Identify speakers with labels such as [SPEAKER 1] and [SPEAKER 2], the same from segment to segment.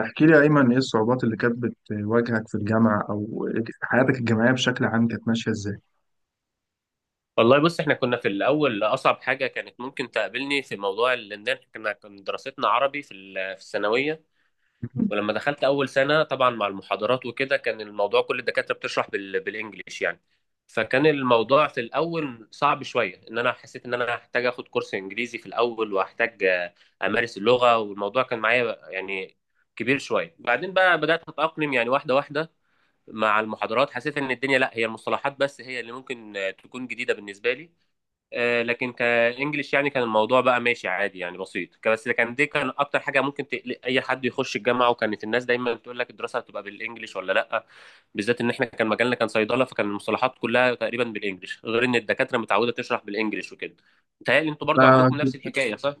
[SPEAKER 1] احكي لي يا أيمن، إيه الصعوبات اللي كانت بتواجهك في الجامعة، أو حياتك الجامعية بشكل عام كانت ماشية إزاي؟
[SPEAKER 2] والله بص، احنا كنا في الاول اصعب حاجه كانت ممكن تقابلني في موضوع ان احنا كنا كان دراستنا عربي في الثانويه. ولما دخلت اول سنه طبعا مع المحاضرات وكده كان الموضوع كل الدكاتره بتشرح بالانجليش يعني. فكان الموضوع في الاول صعب شويه، ان انا حسيت ان انا هحتاج اخد كورس انجليزي في الاول وهحتاج امارس اللغه، والموضوع كان معايا يعني كبير شويه. بعدين بقى بدات اتاقلم يعني واحده واحده مع المحاضرات. حسيت ان الدنيا، لا، هي المصطلحات بس هي اللي ممكن تكون جديده بالنسبه لي. لكن كانجليش يعني كان الموضوع بقى ماشي عادي يعني بسيط، بس كان دي كان اكتر حاجه ممكن تقلق اي حد يخش الجامعه. وكانت الناس دايما بتقول لك الدراسه هتبقى بالانجليش ولا لا. بالذات ان احنا كان مجالنا كان صيدله، فكان المصطلحات كلها تقريبا بالانجليش، غير ان الدكاتره متعوده تشرح بالانجليش وكده. متهيألي انتوا برضو
[SPEAKER 1] آه.
[SPEAKER 2] عندكم نفس الحكايه، صح؟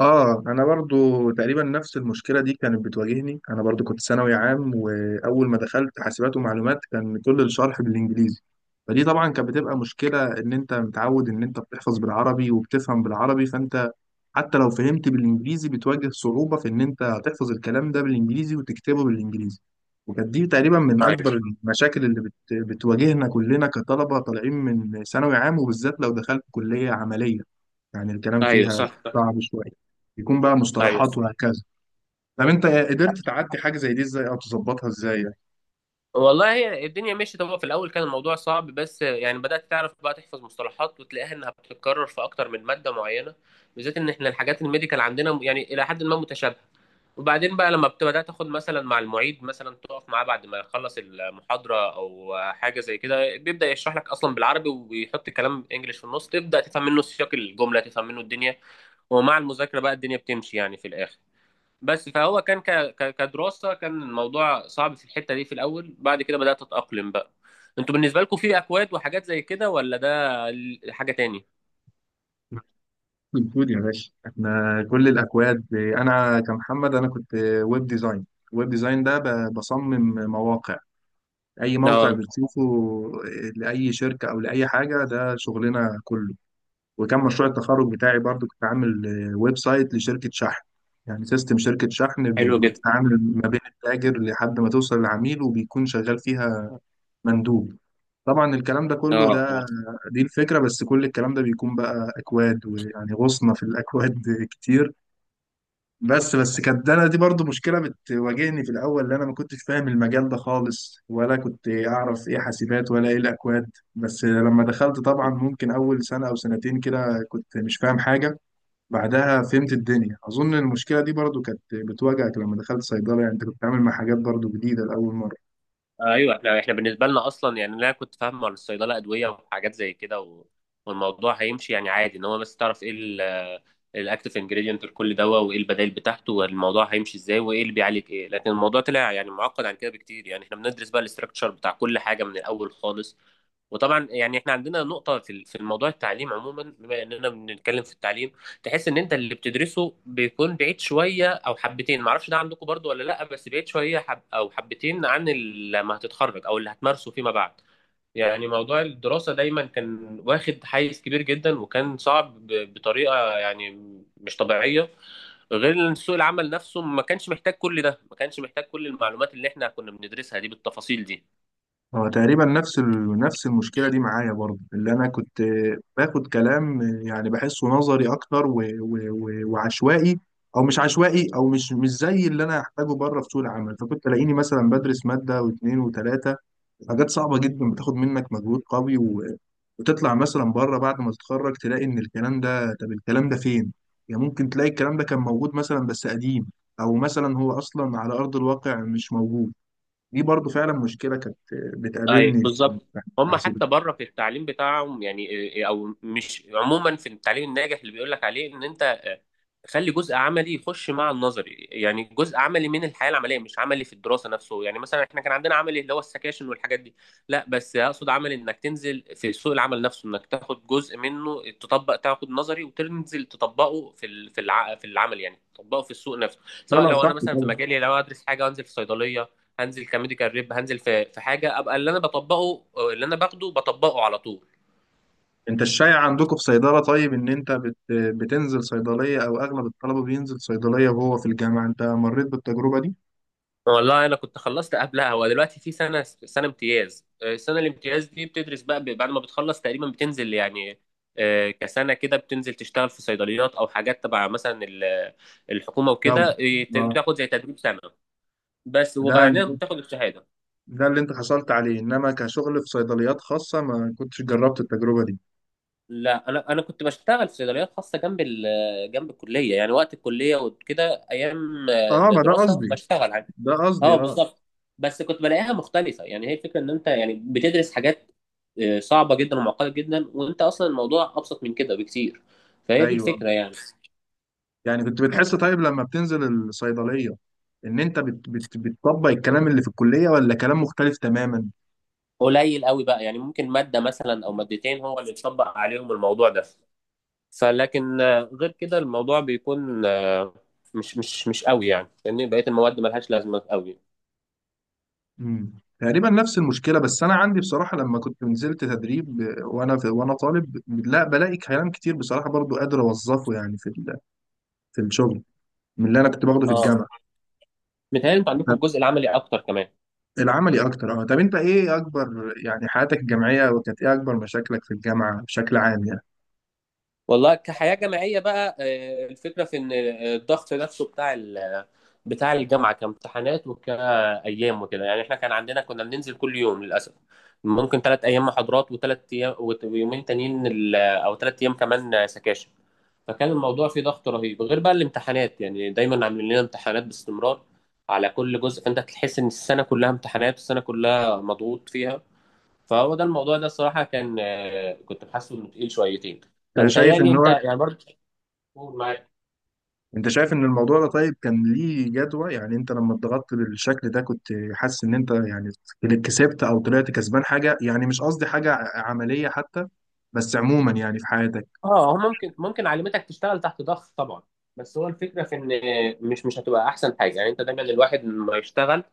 [SPEAKER 1] أنا برضو تقريبا نفس المشكلة دي كانت بتواجهني. أنا برضو كنت ثانوي عام، وأول ما دخلت حاسبات ومعلومات كان كل الشرح بالإنجليزي. فدي طبعا كانت بتبقى مشكلة، إن أنت متعود إن أنت بتحفظ بالعربي وبتفهم بالعربي، فأنت حتى لو فهمت بالانجليزي بتواجه صعوبة في ان انت تحفظ الكلام ده بالانجليزي وتكتبه بالانجليزي. وكانت دي تقريبا من اكبر المشاكل اللي بتواجهنا كلنا كطلبة طالعين من ثانوي عام، وبالذات لو دخلت كلية عملية يعني الكلام
[SPEAKER 2] ايوه،
[SPEAKER 1] فيها
[SPEAKER 2] صح.
[SPEAKER 1] صعب شوية، يكون بقى
[SPEAKER 2] ايوه.
[SPEAKER 1] مصطلحات وهكذا. طب انت قدرت تعدي حاجة زي دي ازاي، او تظبطها ازاي؟
[SPEAKER 2] والله هي الدنيا مشيت، هو في الاول كان الموضوع صعب بس يعني بدات تعرف بقى تحفظ مصطلحات وتلاقيها انها بتتكرر في اكتر من ماده معينه. بالذات ان احنا الحاجات الميديكال عندنا يعني الى حد ما متشابهه. وبعدين بقى لما بدات تاخد مثلا مع المعيد، مثلا تقف معاه بعد ما يخلص المحاضره او حاجه زي كده، بيبدا يشرح لك اصلا بالعربي ويحط كلام انجليش في النص، تبدا تفهم منه سياق الجمله، تفهم منه الدنيا. ومع المذاكره بقى الدنيا بتمشي يعني في الاخر. بس فهو كان كدراسة، كان الموضوع صعب في الحتة دي في الأول. بعد كده بدأت أتأقلم بقى. انتوا بالنسبة لكم في أكواد وحاجات زي كده، ولا ده حاجة تاني؟
[SPEAKER 1] الكود يا باشا، احنا كل الاكواد، انا كمحمد انا كنت ويب ديزاين. ويب ديزاين ده بصمم مواقع، اي موقع
[SPEAKER 2] اه.
[SPEAKER 1] بتشوفه، لاي شركه او لاي حاجه، ده شغلنا كله. وكان مشروع التخرج بتاعي برضو كنت عامل ويب سايت لشركه شحن، يعني سيستم شركه شحن
[SPEAKER 2] حلو جدا.
[SPEAKER 1] بتتعامل ما بين التاجر لحد ما توصل للعميل، وبيكون شغال فيها مندوب. طبعا الكلام ده كله،
[SPEAKER 2] اه،
[SPEAKER 1] ده
[SPEAKER 2] اه.
[SPEAKER 1] دي الفكره، بس كل الكلام ده بيكون بقى اكواد، ويعني غصنا في الاكواد كتير. بس كانت انا دي برضو مشكله بتواجهني في الاول، اللي انا ما كنتش فاهم المجال ده خالص، ولا كنت اعرف ايه حاسبات ولا ايه الاكواد. بس لما دخلت طبعا ممكن اول سنه او سنتين كده كنت مش فاهم حاجه. بعدها فهمت الدنيا. اظن المشكله دي برضو كانت بتواجهك لما دخلت صيدله، يعني انت كنت بتتعامل مع حاجات برضو جديده لاول مره.
[SPEAKER 2] ايوه. احنا بالنسبه لنا اصلا يعني انا كنت فاهم على الصيدله، ادويه وحاجات زي كده و... والموضوع هيمشي يعني عادي، ان هو بس تعرف ايه الاكتف انجريدينت لكل دواء، وايه البدائل بتاعته، والموضوع هيمشي ازاي، وايه اللي بيعالج ايه. لكن الموضوع طلع يعني معقد عن كده بكتير، يعني احنا بندرس بقى الاستراكشر بتاع كل حاجه من الاول خالص. وطبعا يعني احنا عندنا نقطه في الموضوع التعليم عموما، بما اننا بنتكلم في التعليم. تحس ان انت اللي بتدرسه بيكون بعيد شويه او حبتين، معرفش ده عندكم برضو ولا لا، بس بعيد شويه حب او حبتين عن لما هتتخرج او اللي هتمارسه فيما بعد. يعني موضوع الدراسه دايما كان واخد حيز كبير جدا، وكان صعب بطريقه يعني مش طبيعيه. غير ان سوق العمل نفسه ما كانش محتاج كل ده، ما كانش محتاج كل المعلومات اللي احنا كنا بندرسها دي بالتفاصيل دي.
[SPEAKER 1] هو تقريبا نفس نفس المشكله دي معايا برضه، اللي انا كنت باخد كلام يعني بحسه نظري اكتر وعشوائي، او مش عشوائي، او مش زي اللي انا احتاجه بره في سوق العمل. فكنت الاقيني مثلا بدرس ماده واثنين وثلاثه، حاجات صعبه جدا بتاخد منك مجهود قوي، وتطلع مثلا بره بعد ما تتخرج تلاقي ان الكلام ده، طب الكلام ده فين؟ يعني ممكن تلاقي الكلام ده كان موجود مثلا بس قديم، او مثلا هو اصلا على ارض الواقع مش موجود. دي برضو فعلا مشكلة كانت
[SPEAKER 2] اي،
[SPEAKER 1] بتقابلني في
[SPEAKER 2] بالظبط. هم
[SPEAKER 1] التحاسيب.
[SPEAKER 2] حتى بره في التعليم بتاعهم يعني او مش، عموما في التعليم الناجح اللي بيقول لك عليه ان انت خلي جزء عملي يخش مع النظري، يعني جزء عملي من الحياه العمليه، مش عملي في الدراسه نفسه، يعني مثلا احنا كان عندنا عملي اللي هو السكاشن والحاجات دي. لا، بس اقصد عملي انك تنزل في سوق العمل نفسه، انك تاخد جزء منه تطبق، تاخد نظري وتنزل تطبقه في العمل، يعني تطبقه في السوق نفسه.
[SPEAKER 1] لا
[SPEAKER 2] سواء
[SPEAKER 1] لا،
[SPEAKER 2] لو
[SPEAKER 1] صح
[SPEAKER 2] انا مثلا في
[SPEAKER 1] طبعا.
[SPEAKER 2] مجالي، لو ادرس حاجه وانزل في صيدليه، هنزل كميديكال ريب، هنزل في حاجه ابقى اللي انا بطبقه، اللي انا باخده بطبقه على طول.
[SPEAKER 1] انت الشايع عندكم في صيدلة، طيب ان انت بتنزل صيدلية، او اغلب الطلبة بينزل صيدلية وهو في الجامعة، انت مريت بالتجربة دي؟
[SPEAKER 2] والله انا كنت خلصت قبلها، ودلوقتي في سنه امتياز. السنه الامتياز دي بتدرس بقى بعد ما بتخلص تقريبا، بتنزل يعني كسنه كده بتنزل تشتغل في صيدليات او حاجات تبع مثلا الحكومه
[SPEAKER 1] دولي.
[SPEAKER 2] وكده.
[SPEAKER 1] اه.
[SPEAKER 2] بتاخد زي تدريب سنه بس، وبعدين
[SPEAKER 1] ده
[SPEAKER 2] بتاخد الشهاده.
[SPEAKER 1] ده اللي انت حصلت عليه، انما كشغل في صيدليات خاصة ما كنتش جربت التجربة دي.
[SPEAKER 2] لا، انا كنت بشتغل في صيدليات خاصه، جنب جنب الكليه، يعني وقت الكليه وكده، ايام
[SPEAKER 1] اه، ما ده
[SPEAKER 2] الدراسه
[SPEAKER 1] قصدي،
[SPEAKER 2] بشتغل.
[SPEAKER 1] ده قصدي
[SPEAKER 2] اه،
[SPEAKER 1] اه.
[SPEAKER 2] بالظبط. بس كنت بلاقيها مختلفه، يعني هي فكره ان انت يعني بتدرس حاجات صعبه جدا ومعقده جدا، وانت اصلا الموضوع ابسط من كده بكتير. فهي دي
[SPEAKER 1] ايوه.
[SPEAKER 2] الفكره يعني.
[SPEAKER 1] يعني كنت بتحس طيب لما بتنزل الصيدلية ان انت بتطبق الكلام اللي في الكلية، ولا كلام مختلف تماما؟
[SPEAKER 2] قليل قوي بقى، يعني ممكن ماده مثلا او مادتين هو اللي اتطبق عليهم الموضوع ده. فلكن غير كده الموضوع بيكون مش قوي، يعني لان بقيه المواد ملهاش لازمه قوي.
[SPEAKER 1] مم. تقريبا نفس المشكله. بس انا عندي بصراحه لما كنت نزلت تدريب، وانا في، وانا طالب، لا بلاقي كلام كتير بصراحه برضو قادر اوظفه يعني في في الشغل، من اللي انا كنت باخده في
[SPEAKER 2] اه،
[SPEAKER 1] الجامعه.
[SPEAKER 2] متهيألي انتوا عندكم
[SPEAKER 1] طب
[SPEAKER 2] الجزء العملي اكتر كمان.
[SPEAKER 1] العملي اكتر اه. طب انت ايه اكبر يعني حياتك الجامعيه، وكانت ايه اكبر مشاكلك في الجامعه بشكل عام يعني؟
[SPEAKER 2] والله كحياة جامعية بقى، الفكرة في إن الضغط نفسه بتاع بتاع الجامعة، كامتحانات وكأيام وكده، يعني إحنا كان عندنا كنا بننزل كل يوم للأسف، ممكن ثلاث أيام محاضرات وثلاث أيام ويومين تانيين، أو ثلاث أيام كمان سكاشن. فكان الموضوع فيه ضغط رهيب، غير بقى الامتحانات، يعني دايما عاملين لنا امتحانات باستمرار على كل جزء، فأنت تحس إن السنة كلها امتحانات، السنة كلها مضغوط فيها. فهو ده الموضوع ده، الصراحه كان كنت حاسه انه تقيل شويتين.
[SPEAKER 1] انت
[SPEAKER 2] انا
[SPEAKER 1] شايف
[SPEAKER 2] متهيألي
[SPEAKER 1] ان
[SPEAKER 2] انت
[SPEAKER 1] هو،
[SPEAKER 2] يعني برضه. قول معايا.
[SPEAKER 1] انت شايف ان الموضوع ده طيب كان ليه جدوى؟ يعني انت لما اتضغطت بالشكل ده كنت حاسس ان انت يعني كسبت، او طلعت كسبان حاجة؟ يعني مش قصدي حاجة عملية حتى، بس عموما يعني في حياتك.
[SPEAKER 2] اه، هو ممكن علمتك تشتغل تحت ضغط طبعا، بس هو الفكره في ان مش هتبقى احسن حاجه، يعني انت دايما الواحد ما يشتغل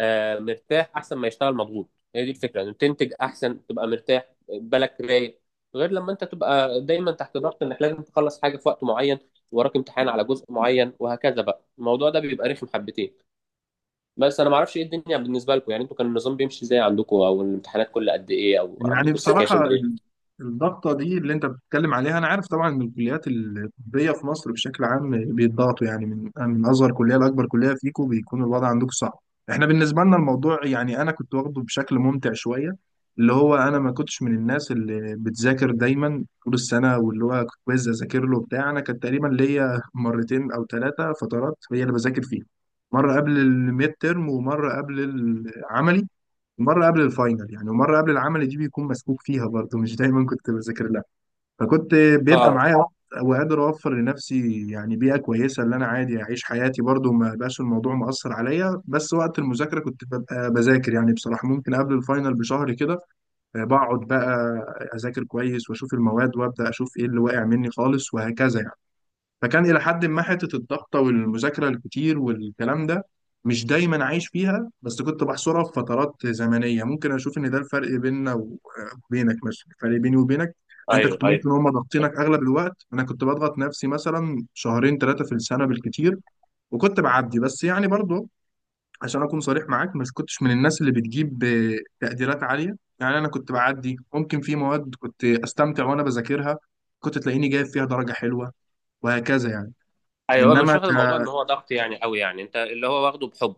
[SPEAKER 2] مرتاح احسن ما يشتغل مضغوط. هي دي الفكره، انك تنتج احسن تبقى مرتاح بالك رايق، غير لما انت تبقى دايما تحت ضغط انك لازم تخلص حاجه في وقت معين، وراك امتحان على جزء معين وهكذا، بقى الموضوع ده بيبقى رخم حبتين. بس انا ما اعرفش ايه الدنيا بالنسبه لكم، يعني انتوا كان النظام بيمشي ازاي عندكم، او الامتحانات كل قد ايه، او
[SPEAKER 1] يعني
[SPEAKER 2] عندكم السكاشن
[SPEAKER 1] بصراحة
[SPEAKER 2] ايه؟
[SPEAKER 1] الضغطة دي اللي أنت بتتكلم عليها، أنا عارف طبعا إن الكليات الطبية في مصر بشكل عام بيتضغطوا، يعني من أصغر كلية لأكبر كلية، فيكم بيكون الوضع عندكم صعب. إحنا بالنسبة لنا الموضوع يعني أنا كنت واخده بشكل ممتع شوية، اللي هو أنا ما كنتش من الناس اللي بتذاكر دايما طول السنة واللي هو كويز أذاكر له بتاع. أنا كان تقريبا ليا مرتين أو ثلاثة فترات هي اللي بذاكر فيها. مرة قبل الميد ترم، ومرة قبل العملي، مرة قبل الفاينل يعني، ومرة قبل العمل دي بيكون مسكوك فيها برضه مش دايما كنت بذاكر لها. فكنت بيبقى
[SPEAKER 2] اه،
[SPEAKER 1] معايا وقت، وقادر أوفر لنفسي يعني بيئة كويسة، اللي أنا عادي أعيش حياتي برضه، ما بقاش الموضوع مؤثر عليا. بس وقت المذاكرة كنت ببقى بذاكر، يعني بصراحة ممكن قبل الفاينل بشهر كده بقعد بقى أذاكر كويس، وأشوف المواد، وأبدأ أشوف إيه اللي واقع مني خالص وهكذا يعني. فكان إلى حد ما حتة الضغطة والمذاكرة الكتير والكلام ده مش دايما عايش فيها، بس كنت بحصرها في فترات زمنية. ممكن أشوف إن ده الفرق بيننا وبينك، مثلا الفرق بيني وبينك، إن أنت
[SPEAKER 2] ايوه،
[SPEAKER 1] كنت ممكن
[SPEAKER 2] ايوه،
[SPEAKER 1] هما ضاغطينك أغلب الوقت، أنا كنت بضغط نفسي مثلا شهرين ثلاثة في السنة بالكتير، وكنت بعدي. بس يعني برضه عشان أكون صريح معاك، مش كنتش من الناس اللي بتجيب تقديرات عالية، يعني أنا كنت بعدي. ممكن في مواد كنت أستمتع وأنا بذاكرها، كنت تلاقيني جايب فيها درجة حلوة وهكذا يعني.
[SPEAKER 2] ايوه، مش
[SPEAKER 1] انما ك...
[SPEAKER 2] واخد الموضوع ان هو ضغط يعني قوي، يعني انت اللي هو واخده بحب.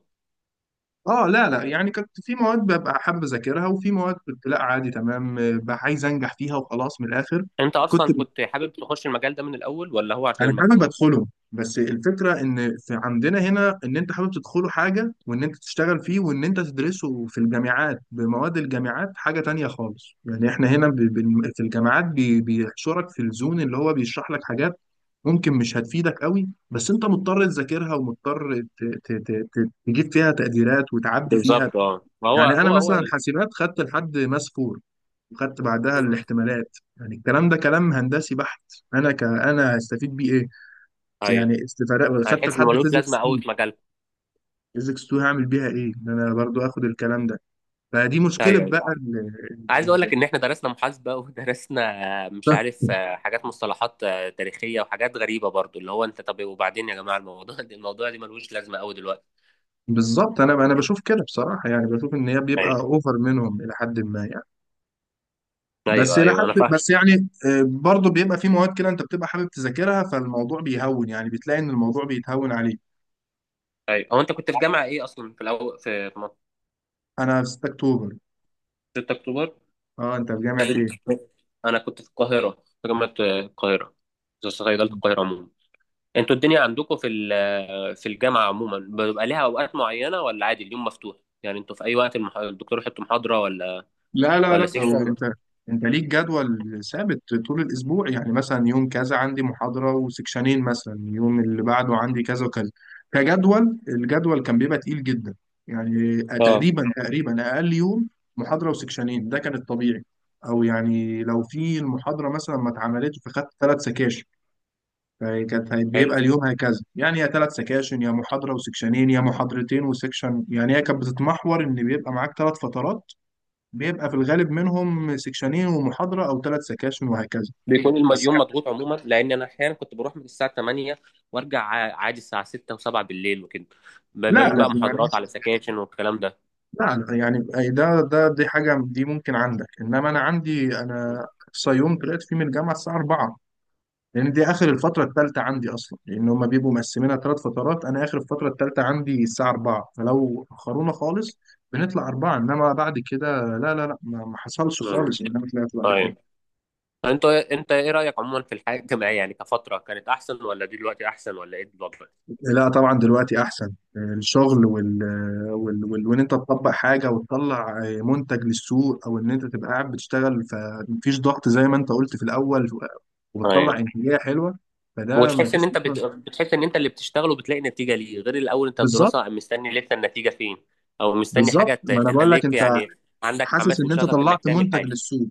[SPEAKER 1] اه لا لا، يعني كنت في مواد ببقى حابب اذاكرها، وفي مواد كنت لا عادي تمام، بقى عايز انجح فيها وخلاص من الاخر.
[SPEAKER 2] انت
[SPEAKER 1] كنت
[SPEAKER 2] اصلا
[SPEAKER 1] ب...
[SPEAKER 2] كنت حابب تخش المجال ده من الاول، ولا هو عشان
[SPEAKER 1] انا حابب
[SPEAKER 2] المجموع؟
[SPEAKER 1] ادخلهم، بس الفكره ان في عندنا هنا، ان انت حابب تدخله حاجه، وان انت تشتغل فيه، وان انت تدرسه في الجامعات بمواد الجامعات حاجه تانية خالص. يعني احنا هنا في الجامعات بيحشرك في الزون اللي هو بيشرح لك حاجات ممكن مش هتفيدك قوي، بس انت مضطر تذاكرها، ومضطر تجيب فيها تقديرات وتعدي فيها.
[SPEAKER 2] بالظبط. اه، ما هو
[SPEAKER 1] يعني انا
[SPEAKER 2] هو هو
[SPEAKER 1] مثلا حاسبات خدت لحد ماس فور، وخدت بعدها
[SPEAKER 2] مم.
[SPEAKER 1] الاحتمالات، يعني الكلام ده كلام هندسي بحت. انا هستفيد بيه ايه؟
[SPEAKER 2] ايوه،
[SPEAKER 1] يعني استفاد خدت
[SPEAKER 2] هتحس انه
[SPEAKER 1] لحد
[SPEAKER 2] ملوش لازمه
[SPEAKER 1] فيزيكس
[SPEAKER 2] قوي
[SPEAKER 1] 2،
[SPEAKER 2] في مجالكم.
[SPEAKER 1] فيزيكس 2 هعمل بيها ايه ان انا برضو اخد الكلام ده؟ فدي مشكله
[SPEAKER 2] ايوه، أيوة.
[SPEAKER 1] بقى
[SPEAKER 2] عايز اقول
[SPEAKER 1] ال-
[SPEAKER 2] لك ان احنا درسنا محاسبه، ودرسنا مش عارف
[SPEAKER 1] ال-
[SPEAKER 2] حاجات، مصطلحات تاريخيه وحاجات غريبه برضو، اللي هو انت طب وبعدين يا جماعه الموضوع ده، الموضوع دي ملوش لازمه قوي دلوقتي.
[SPEAKER 1] بالظبط. انا انا بشوف كده بصراحه، يعني بشوف ان هي بيبقى
[SPEAKER 2] ايوه،
[SPEAKER 1] اوفر منهم الى حد ما يعني. بس
[SPEAKER 2] ايوه،
[SPEAKER 1] الى
[SPEAKER 2] ايوه، انا
[SPEAKER 1] حد،
[SPEAKER 2] فاهم.
[SPEAKER 1] بس يعني برضو بيبقى في مواد كده انت بتبقى حابب تذاكرها، فالموضوع بيهون، يعني بتلاقي ان الموضوع بيتهون عليك.
[SPEAKER 2] ايوه، هو انت كنت في جامعه ايه اصلا؟ في الاول في منطقة؟
[SPEAKER 1] انا في 6 اكتوبر.
[SPEAKER 2] 6 اكتوبر.
[SPEAKER 1] اه، انت في جامعة ايه؟
[SPEAKER 2] انا كنت في القاهره، في جامعه القاهره، في صيدله القاهره عموما. انتوا الدنيا عندكم في الجامعه عموما، بيبقى ليها اوقات معينه ولا عادي اليوم مفتوح؟ يعني انتوا في اي وقت الدكتور يحط محاضره، ولا
[SPEAKER 1] لا لا
[SPEAKER 2] ولا
[SPEAKER 1] لا،
[SPEAKER 2] سيكشن،
[SPEAKER 1] هو
[SPEAKER 2] ولا؟
[SPEAKER 1] انت، انت ليك جدول ثابت طول الاسبوع، يعني مثلا يوم كذا عندي محاضرة وسكشنين، مثلا يوم اللي بعده عندي كذا وكذا. كجدول، الجدول كان بيبقى تقيل جدا، يعني
[SPEAKER 2] اه،
[SPEAKER 1] تقريبا تقريبا اقل يوم محاضرة وسكشنين، ده كان الطبيعي. او يعني لو في المحاضرة مثلا ما اتعملتش فخدت ثلاث سكاشن. فكانت
[SPEAKER 2] حلو.
[SPEAKER 1] بيبقى اليوم هكذا، يعني يا ثلاث سكاشن، يا محاضرة وسكشنين، يا محاضرتين وسكشن. يعني هي كانت بتتمحور ان بيبقى معاك ثلاث فترات، بيبقى في الغالب منهم سكشنين ومحاضرة أو ثلاث سكاشن وهكذا.
[SPEAKER 2] بيكون
[SPEAKER 1] بس
[SPEAKER 2] اليوم مضغوط عموما، لان انا احيانا كنت بروح من الساعه 8 وارجع عادي الساعه 6 و7 بالليل وكده، ما
[SPEAKER 1] لا
[SPEAKER 2] بين
[SPEAKER 1] لا
[SPEAKER 2] بقى
[SPEAKER 1] يعني،
[SPEAKER 2] محاضرات على سكاشن والكلام ده.
[SPEAKER 1] لا لا يعني، أي ده دي حاجة دي ممكن عندك، إنما أنا عندي، أنا أقصى يوم طلعت فيه من الجامعة الساعة 4، لأن دي آخر الفترة الثالثة عندي أصلا، لأن هما بيبقوا مقسمينها ثلاث فترات. أنا آخر الفترة الثالثة عندي الساعة 4، فلو أخرونا خالص بنطلع 4، إنما بعد كده لا لا لا، ما حصلش
[SPEAKER 2] مم.
[SPEAKER 1] خالص إن أنا طلعت بعد كده.
[SPEAKER 2] طيب. انت ايه رايك عموما في الحياه الجامعيه؟ يعني كفتره كانت احسن، ولا دي دلوقتي احسن، ولا ايه بالظبط؟
[SPEAKER 1] لا طبعا دلوقتي احسن، الشغل وان انت تطبق حاجه وتطلع منتج للسوق، او ان انت تبقى قاعد بتشتغل فمفيش ضغط زي ما انت قلت في الاول،
[SPEAKER 2] ايوه.
[SPEAKER 1] وبتطلع انتاجيه حلوه، فده
[SPEAKER 2] وتحس ان
[SPEAKER 1] مفيش.
[SPEAKER 2] انت بتحس ان انت اللي بتشتغله بتلاقي نتيجه ليه، غير الاول انت
[SPEAKER 1] بالظبط.
[SPEAKER 2] الدراسه مستني لسه، النتيجه فين؟ او مستني حاجه
[SPEAKER 1] بالظبط، ما انا بقول لك،
[SPEAKER 2] تخليك
[SPEAKER 1] انت
[SPEAKER 2] يعني عندك
[SPEAKER 1] حاسس
[SPEAKER 2] حماس
[SPEAKER 1] ان انت
[SPEAKER 2] وشغف انك
[SPEAKER 1] طلعت
[SPEAKER 2] تعمل
[SPEAKER 1] منتج
[SPEAKER 2] حاجه.
[SPEAKER 1] للسوق.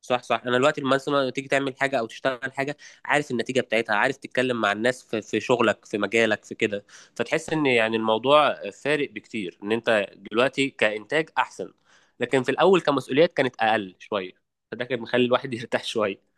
[SPEAKER 2] صح، صح. انا دلوقتي لما مثلا، لما تيجي تعمل حاجه او تشتغل حاجه، عارف النتيجه بتاعتها، عارف تتكلم مع الناس في شغلك، في مجالك، في كده. فتحس ان يعني الموضوع فارق بكتير، ان انت دلوقتي كانتاج احسن. لكن في الاول كمسؤوليات كانت اقل شويه، فده كان مخلي الواحد يرتاح شويه.